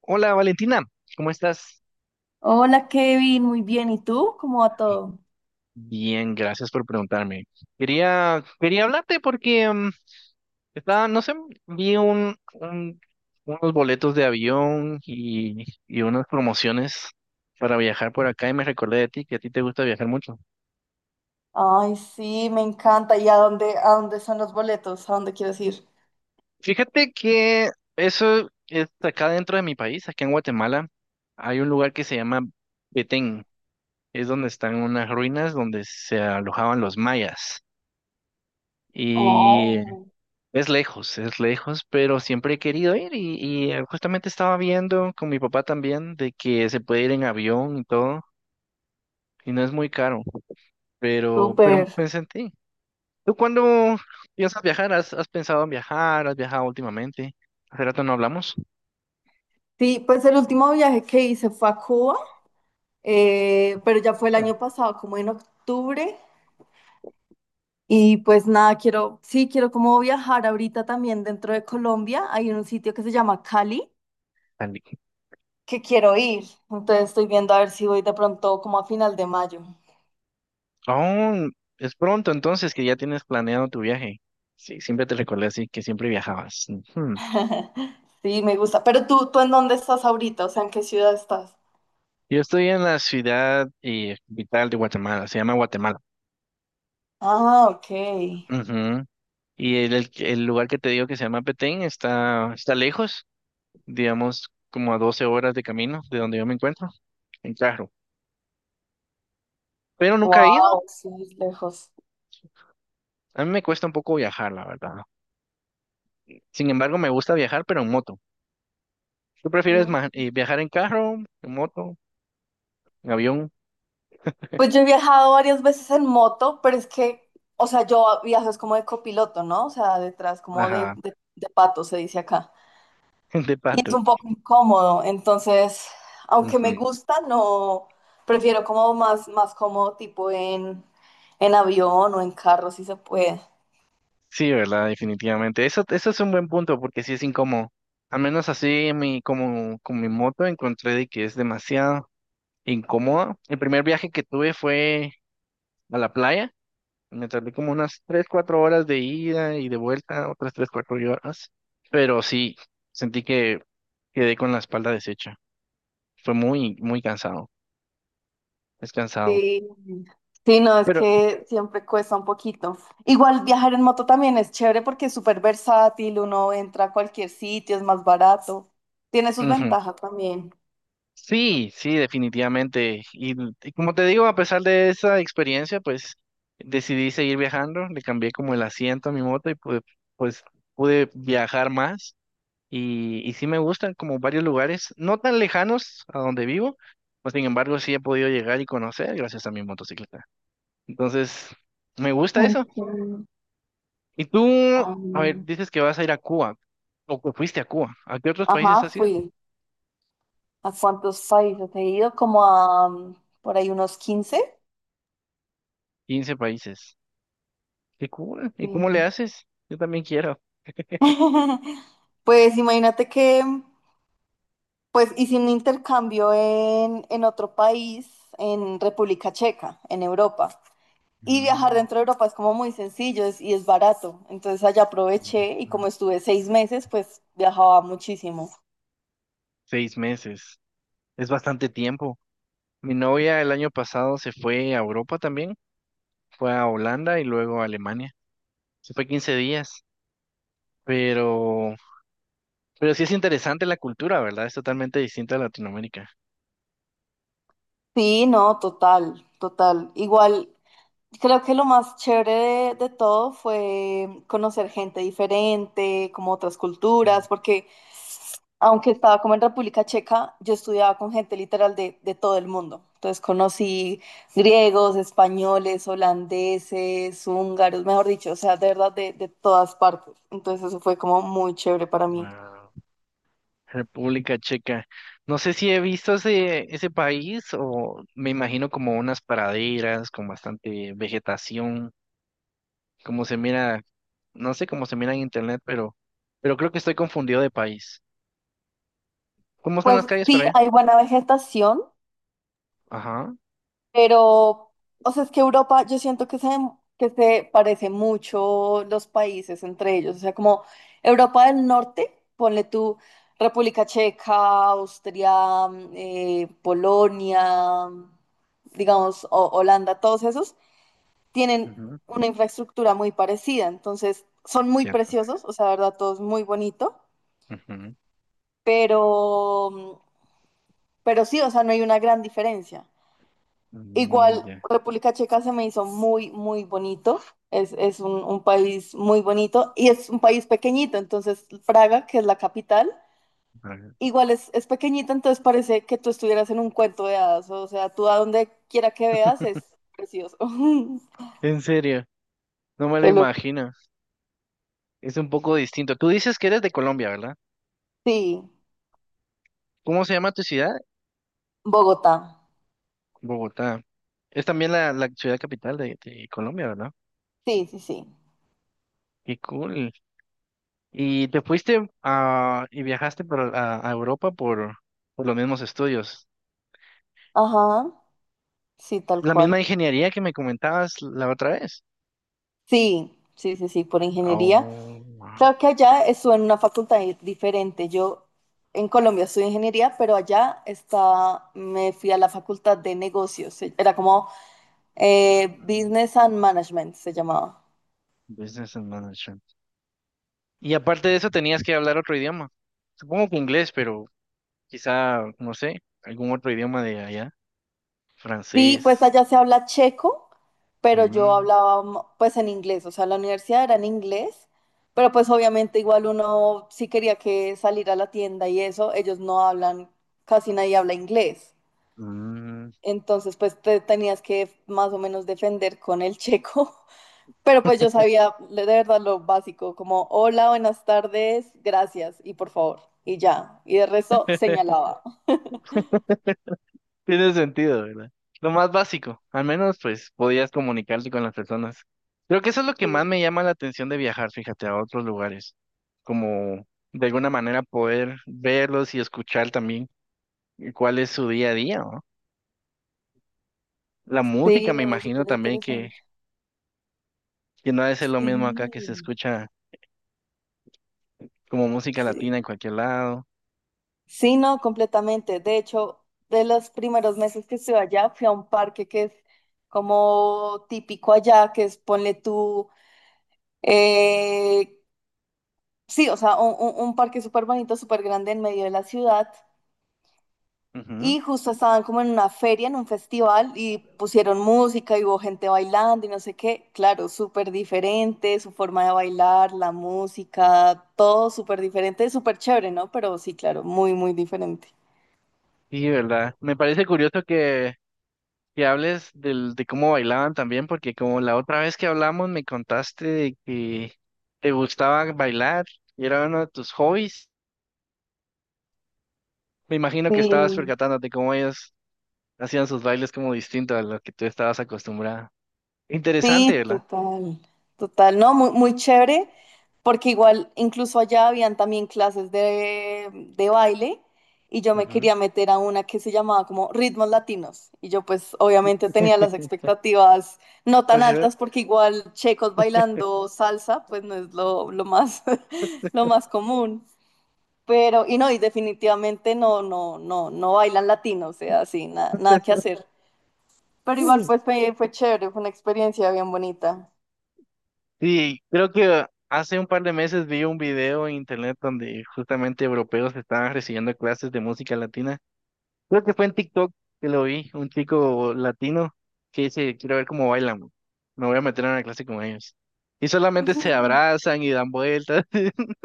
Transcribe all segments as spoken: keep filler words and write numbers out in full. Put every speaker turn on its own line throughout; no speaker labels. Hola Valentina, ¿cómo estás?
Hola Kevin, muy bien. ¿Y tú? ¿Cómo va todo?
Bien, gracias por preguntarme. Quería, quería hablarte porque mm, estaba, no sé, vi un, un- unos boletos de avión y, y unas promociones para viajar por acá y me recordé de ti, que a ti te gusta viajar mucho.
Ay, sí, me encanta. ¿Y a dónde, a dónde son los boletos? ¿A dónde quieres ir?
Fíjate que eso es acá dentro de mi país, acá en Guatemala, hay un lugar que se llama Petén, es donde están unas ruinas donde se alojaban los mayas. Y
Oh,
es lejos, es lejos, pero siempre he querido ir y, y, eh, justamente estaba viendo con mi papá también de que se puede ir en avión y todo, y no es muy caro, pero, pero
súper.
pensé en ti. ¿Tú cuándo piensas viajar? ¿Has, has pensado en viajar? ¿Has viajado últimamente? Hace rato no hablamos.
Sí, pues el último viaje que hice fue a Cuba, eh, pero ya fue el
Mm.
año pasado, como en octubre. Y pues nada, quiero, sí, quiero como viajar ahorita también dentro de Colombia. Hay un sitio que se llama Cali.
Andy.
Que quiero ir. Entonces estoy viendo a ver si voy de pronto como a final de mayo.
Oh, es pronto entonces que ya tienes planeado tu viaje. Sí, siempre te recordé, así que siempre viajabas. Ujú.
Sí, me gusta. Pero tú, ¿tú en dónde estás ahorita? O sea, ¿en qué ciudad estás?
Yo estoy en la ciudad, eh, capital de Guatemala, se llama Guatemala.
Ah, ok.
Ujú. Y el, el- el lugar que te digo que se llama Petén está, está lejos, digamos como a doce horas de camino de donde yo me encuentro, en carro. Pero nunca he ido.
Wow, sí, es lejos.
A mí me cuesta un poco viajar, la verdad. Sin embargo, me gusta viajar, pero en moto. ¿Tú prefieres
Mm.
ma- eh, viajar en carro, en moto, en avión?
Pues yo he viajado varias veces en moto, pero es que, o sea, yo viajo es como de copiloto, ¿no? O sea, detrás, como de,
Ajá,
de, de pato, se dice acá.
de
Y es
pato.
un poco incómodo, entonces, aunque me
Ujú.
gusta, no, prefiero como más, más cómodo, tipo en, en avión o en carro, si se puede.
Sí, ¿verdad? Definitivamente. Eso, eso es un buen punto porque sí es incómodo. Al menos así mi, como con mi moto encontré de que es demasiado incómoda. El primer viaje que tuve fue a la playa. Me tardé como unas tres cuatro horas de ida y de vuelta, otras tres cuatro horas. Pero sí, sentí que quedé con la espalda deshecha. Fue muy, muy cansado. Es cansado.
Sí. Sí, no, es
Pero
que siempre cuesta un poquito. Igual viajar en moto también es chévere porque es súper versátil, uno entra a cualquier sitio, es más barato. Tiene sus
ujú,
ventajas también.
sí, sí, definitivamente. Y, y como te digo, a pesar de esa experiencia, pues decidí seguir viajando. Le cambié como el asiento a mi moto y pude, pues pude viajar más. Y, y sí me gustan como varios lugares, no tan lejanos a donde vivo, pues sin embargo sí he podido llegar y conocer gracias a mi motocicleta. Entonces, me gusta eso.
Ok.
Y tú, a ver,
Am,
dices que vas a ir a Cuba, o que fuiste a Cuba. ¿A qué otros países
ajá,
has ido?
fui. ¿A cuántos países he ido? Como a mm, por ahí unos quince.
Quince países. ¿Qué cool? ¿Y cómo le
Sí.
haces? Yo también quiero.
Pues imagínate que pues hice un intercambio en, en otro país, en República Checa, en Europa. Y viajar
Mm,
dentro de Europa es como muy sencillo es- y es barato. Entonces allá
mm,
aproveché y
mm.
como estuve seis meses, pues viajaba muchísimo.
Seis meses. Es bastante tiempo. Mi novia el año pasado se fue a Europa también, fue a Holanda y luego a Alemania. Se fue quince días. Pero, pero sí es interesante la cultura, ¿verdad? Es totalmente distinta a Latinoamérica.
Sí, no, total, total. Igual, creo que lo más chévere de, de todo fue conocer gente diferente, como otras culturas,
Ujú.
porque aunque estaba como en República Checa, yo estudiaba con gente literal de, de todo el mundo. Entonces conocí griegos, españoles, holandeses, húngaros, mejor dicho, o sea, de verdad de, de todas partes. Entonces eso fue como muy chévere para mí.
Wow. República Checa. No sé si he visto ese, ese país, o me imagino como unas praderas con bastante vegetación, como se mira, no sé cómo se mira en internet, pero, pero creo que estoy confundido de país. ¿Cómo son
Pues
las calles para
sí,
allá?
hay buena vegetación.
Ajá,
Pero, o sea, es que Europa, yo siento que se, que se parece mucho los países entre ellos. O sea, como Europa del Norte, ponle tú República Checa, Austria, mm, eh, Polonia, mm, digamos, o- Holanda, todos esos tienen
ujú,
una infraestructura muy parecida. Entonces, son muy
cierto.
preciosos, o sea, la verdad, todo es muy bonito,
Ujú,
pero, mm, pero sí, o sea, no hay una gran diferencia.
mm,
Igual,
ya,
República Checa se me hizo muy, muy bonito. Es, es un, un país muy bonito y es un país pequeñito. Entonces, Praga, que es la capital,
ajá.
igual es, es pequeñito, entonces parece que tú estuvieras en un cuento de hadas. O sea, tú a donde quiera que veas es precioso.
En serio, no me lo
Te lo-
imagino. Es un poco distinto. Tú dices que eres de Colombia, ¿verdad?
Sí,
¿Cómo se llama tu ciudad?
Bogotá.
Bogotá. Es también la, la ciudad capital de, de Colombia, ¿verdad?
Sí, sí, sí.
Qué cool. Y te fuiste a, y viajaste por, a, a Europa por, por los mismos estudios.
Ajá, sí, tal
La misma
cual.
ingeniería que me comentabas la otra vez.
Sí, sí, sí, sí, por ingeniería.
Oh, wow.
Claro que allá estuve en una facultad di- diferente. Yo en Colombia estudié ingeniería, pero allá está, me fui a la facultad de negocios. Se- Era como eh, Business and Management se llamaba.
Business and Management. Y aparte de eso, tenías que hablar otro idioma. Supongo que inglés, pero quizá, no sé, algún otro idioma de allá.
Sí, pues
Francés.
allá se habla checo, pero yo
Mm,
hablaba mm, pues en inglés. O sea, la universidad era en inglés, pero pues obviamente igual uno sí quería que salir a la tienda y eso, ellos no hablan, casi nadie habla inglés.
mm.
Entonces pues te tenías que más o menos defender con el checo. Pero pues yo sabía de verdad lo básico, como hola, buenas tardes, gracias y por favor, y ya. Y de resto señalaba.
Tiene sentido, ¿verdad? Lo más básico, al menos pues podías comunicarte con las personas. Creo que eso es lo que más me
Sí.
llama la atención de viajar, fíjate, a otros lugares, como de alguna manera poder verlos y escuchar también cuál es su día a día, ¿no? La música,
Sí,
me
no, es
imagino
súper
también que,
interesante.
que no ha de ser lo mismo acá, que se
Sí.
escucha como música latina
Sí.
en cualquier lado.
Sí, no, completamente. De hecho, de los primeros meses que estuve allá, fui a un parque que es como típico allá, que es ponle tú, eh, sí, o sea, un, un- un parque súper bonito, súper grande en medio de la ciudad.
Ujú.
Y justo estaban como en una feria, en un festival, y pusieron música y hubo gente bailando y no sé qué. Claro, súper diferente, su forma de bailar, la música, todo súper diferente, súper chévere, ¿no? Pero sí, claro, muy, muy diferente.
Sí, ¿verdad? Me parece curioso que que hables del, de cómo bailaban también, porque como la otra vez que hablamos me contaste de que te gustaba bailar y era uno de tus hobbies, me imagino que estabas
Sí.
percatándote cómo ellos hacían sus bailes como distintos a los que tú estabas acostumbrada. Interesante,
Sí,
¿verdad?
total, total, no, muy, muy chévere, porque igual incluso allá habían también clases de, de baile y yo me
Ujú.
quería meter a una que se llamaba como Ritmos Latinos y yo pues obviamente tenía las expectativas no tan
Ajá.
altas porque igual checos bailando salsa pues no es lo, lo más, lo más común, pero y no, y definitivamente no, no, no, no bailan latinos, o sea, sí, na- nada que hacer, pero igual pues fue, fue chévere, fue una experiencia bien bonita.
Sí, creo que hace un par de meses vi un video en internet donde justamente europeos estaban recibiendo clases de música latina. Creo que fue en TikTok que lo vi, un chico latino que dice, quiero ver cómo bailan, bro. Me voy a meter en una clase con ellos. Y solamente se
Ujú.
abrazan y dan vueltas.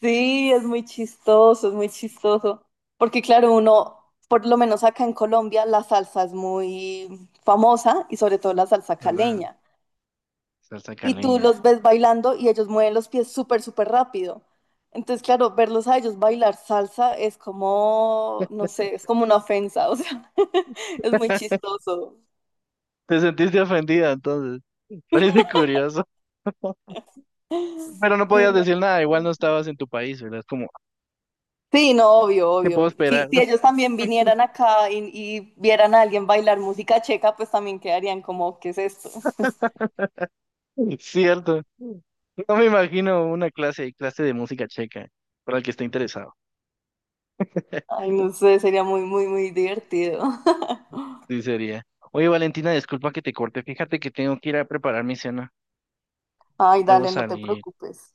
Sí, es muy chistoso, es muy chistoso. Porque claro, uno, por lo menos acá en Colombia, la salsa es muy famosa y sobre todo la salsa
¿Verdad?
caleña.
Salsa
Y tú
caleña.
los ves bailando y ellos mueven los pies súper, súper rápido. Entonces, claro, verlos a ellos bailar salsa es como, no sé, es como una ofensa, o sea, es muy chistoso.
Te sentiste ofendida entonces. Parece curioso. Pero no
Sí,
podías decir
no.
nada, igual no estabas en tu país, ¿verdad? Es como,
Sí, no, obvio,
qué puedo
obvio. Si,
esperar.
si ellos también vinieran acá y, y vieran a alguien bailar música checa, pues también quedarían como, ¿qué es esto?
Cierto. No me imagino una clase, clase de música checa, para el que esté interesado.
Ay, no sé, sería muy, muy, muy divertido.
Sí sería. Oye, Valentina, disculpa que te corte. Fíjate que tengo que ir a preparar mi cena.
Ay,
Debo
dale, no te
salir.
preocupes.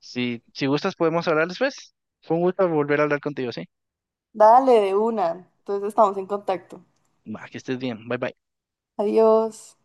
Si, si gustas, podemos hablar después. Fue un gusto volver a hablar contigo, ¿sí?
Dale, de una. Entonces estamos en contacto.
Va, que estés bien. Bye bye.
Adiós.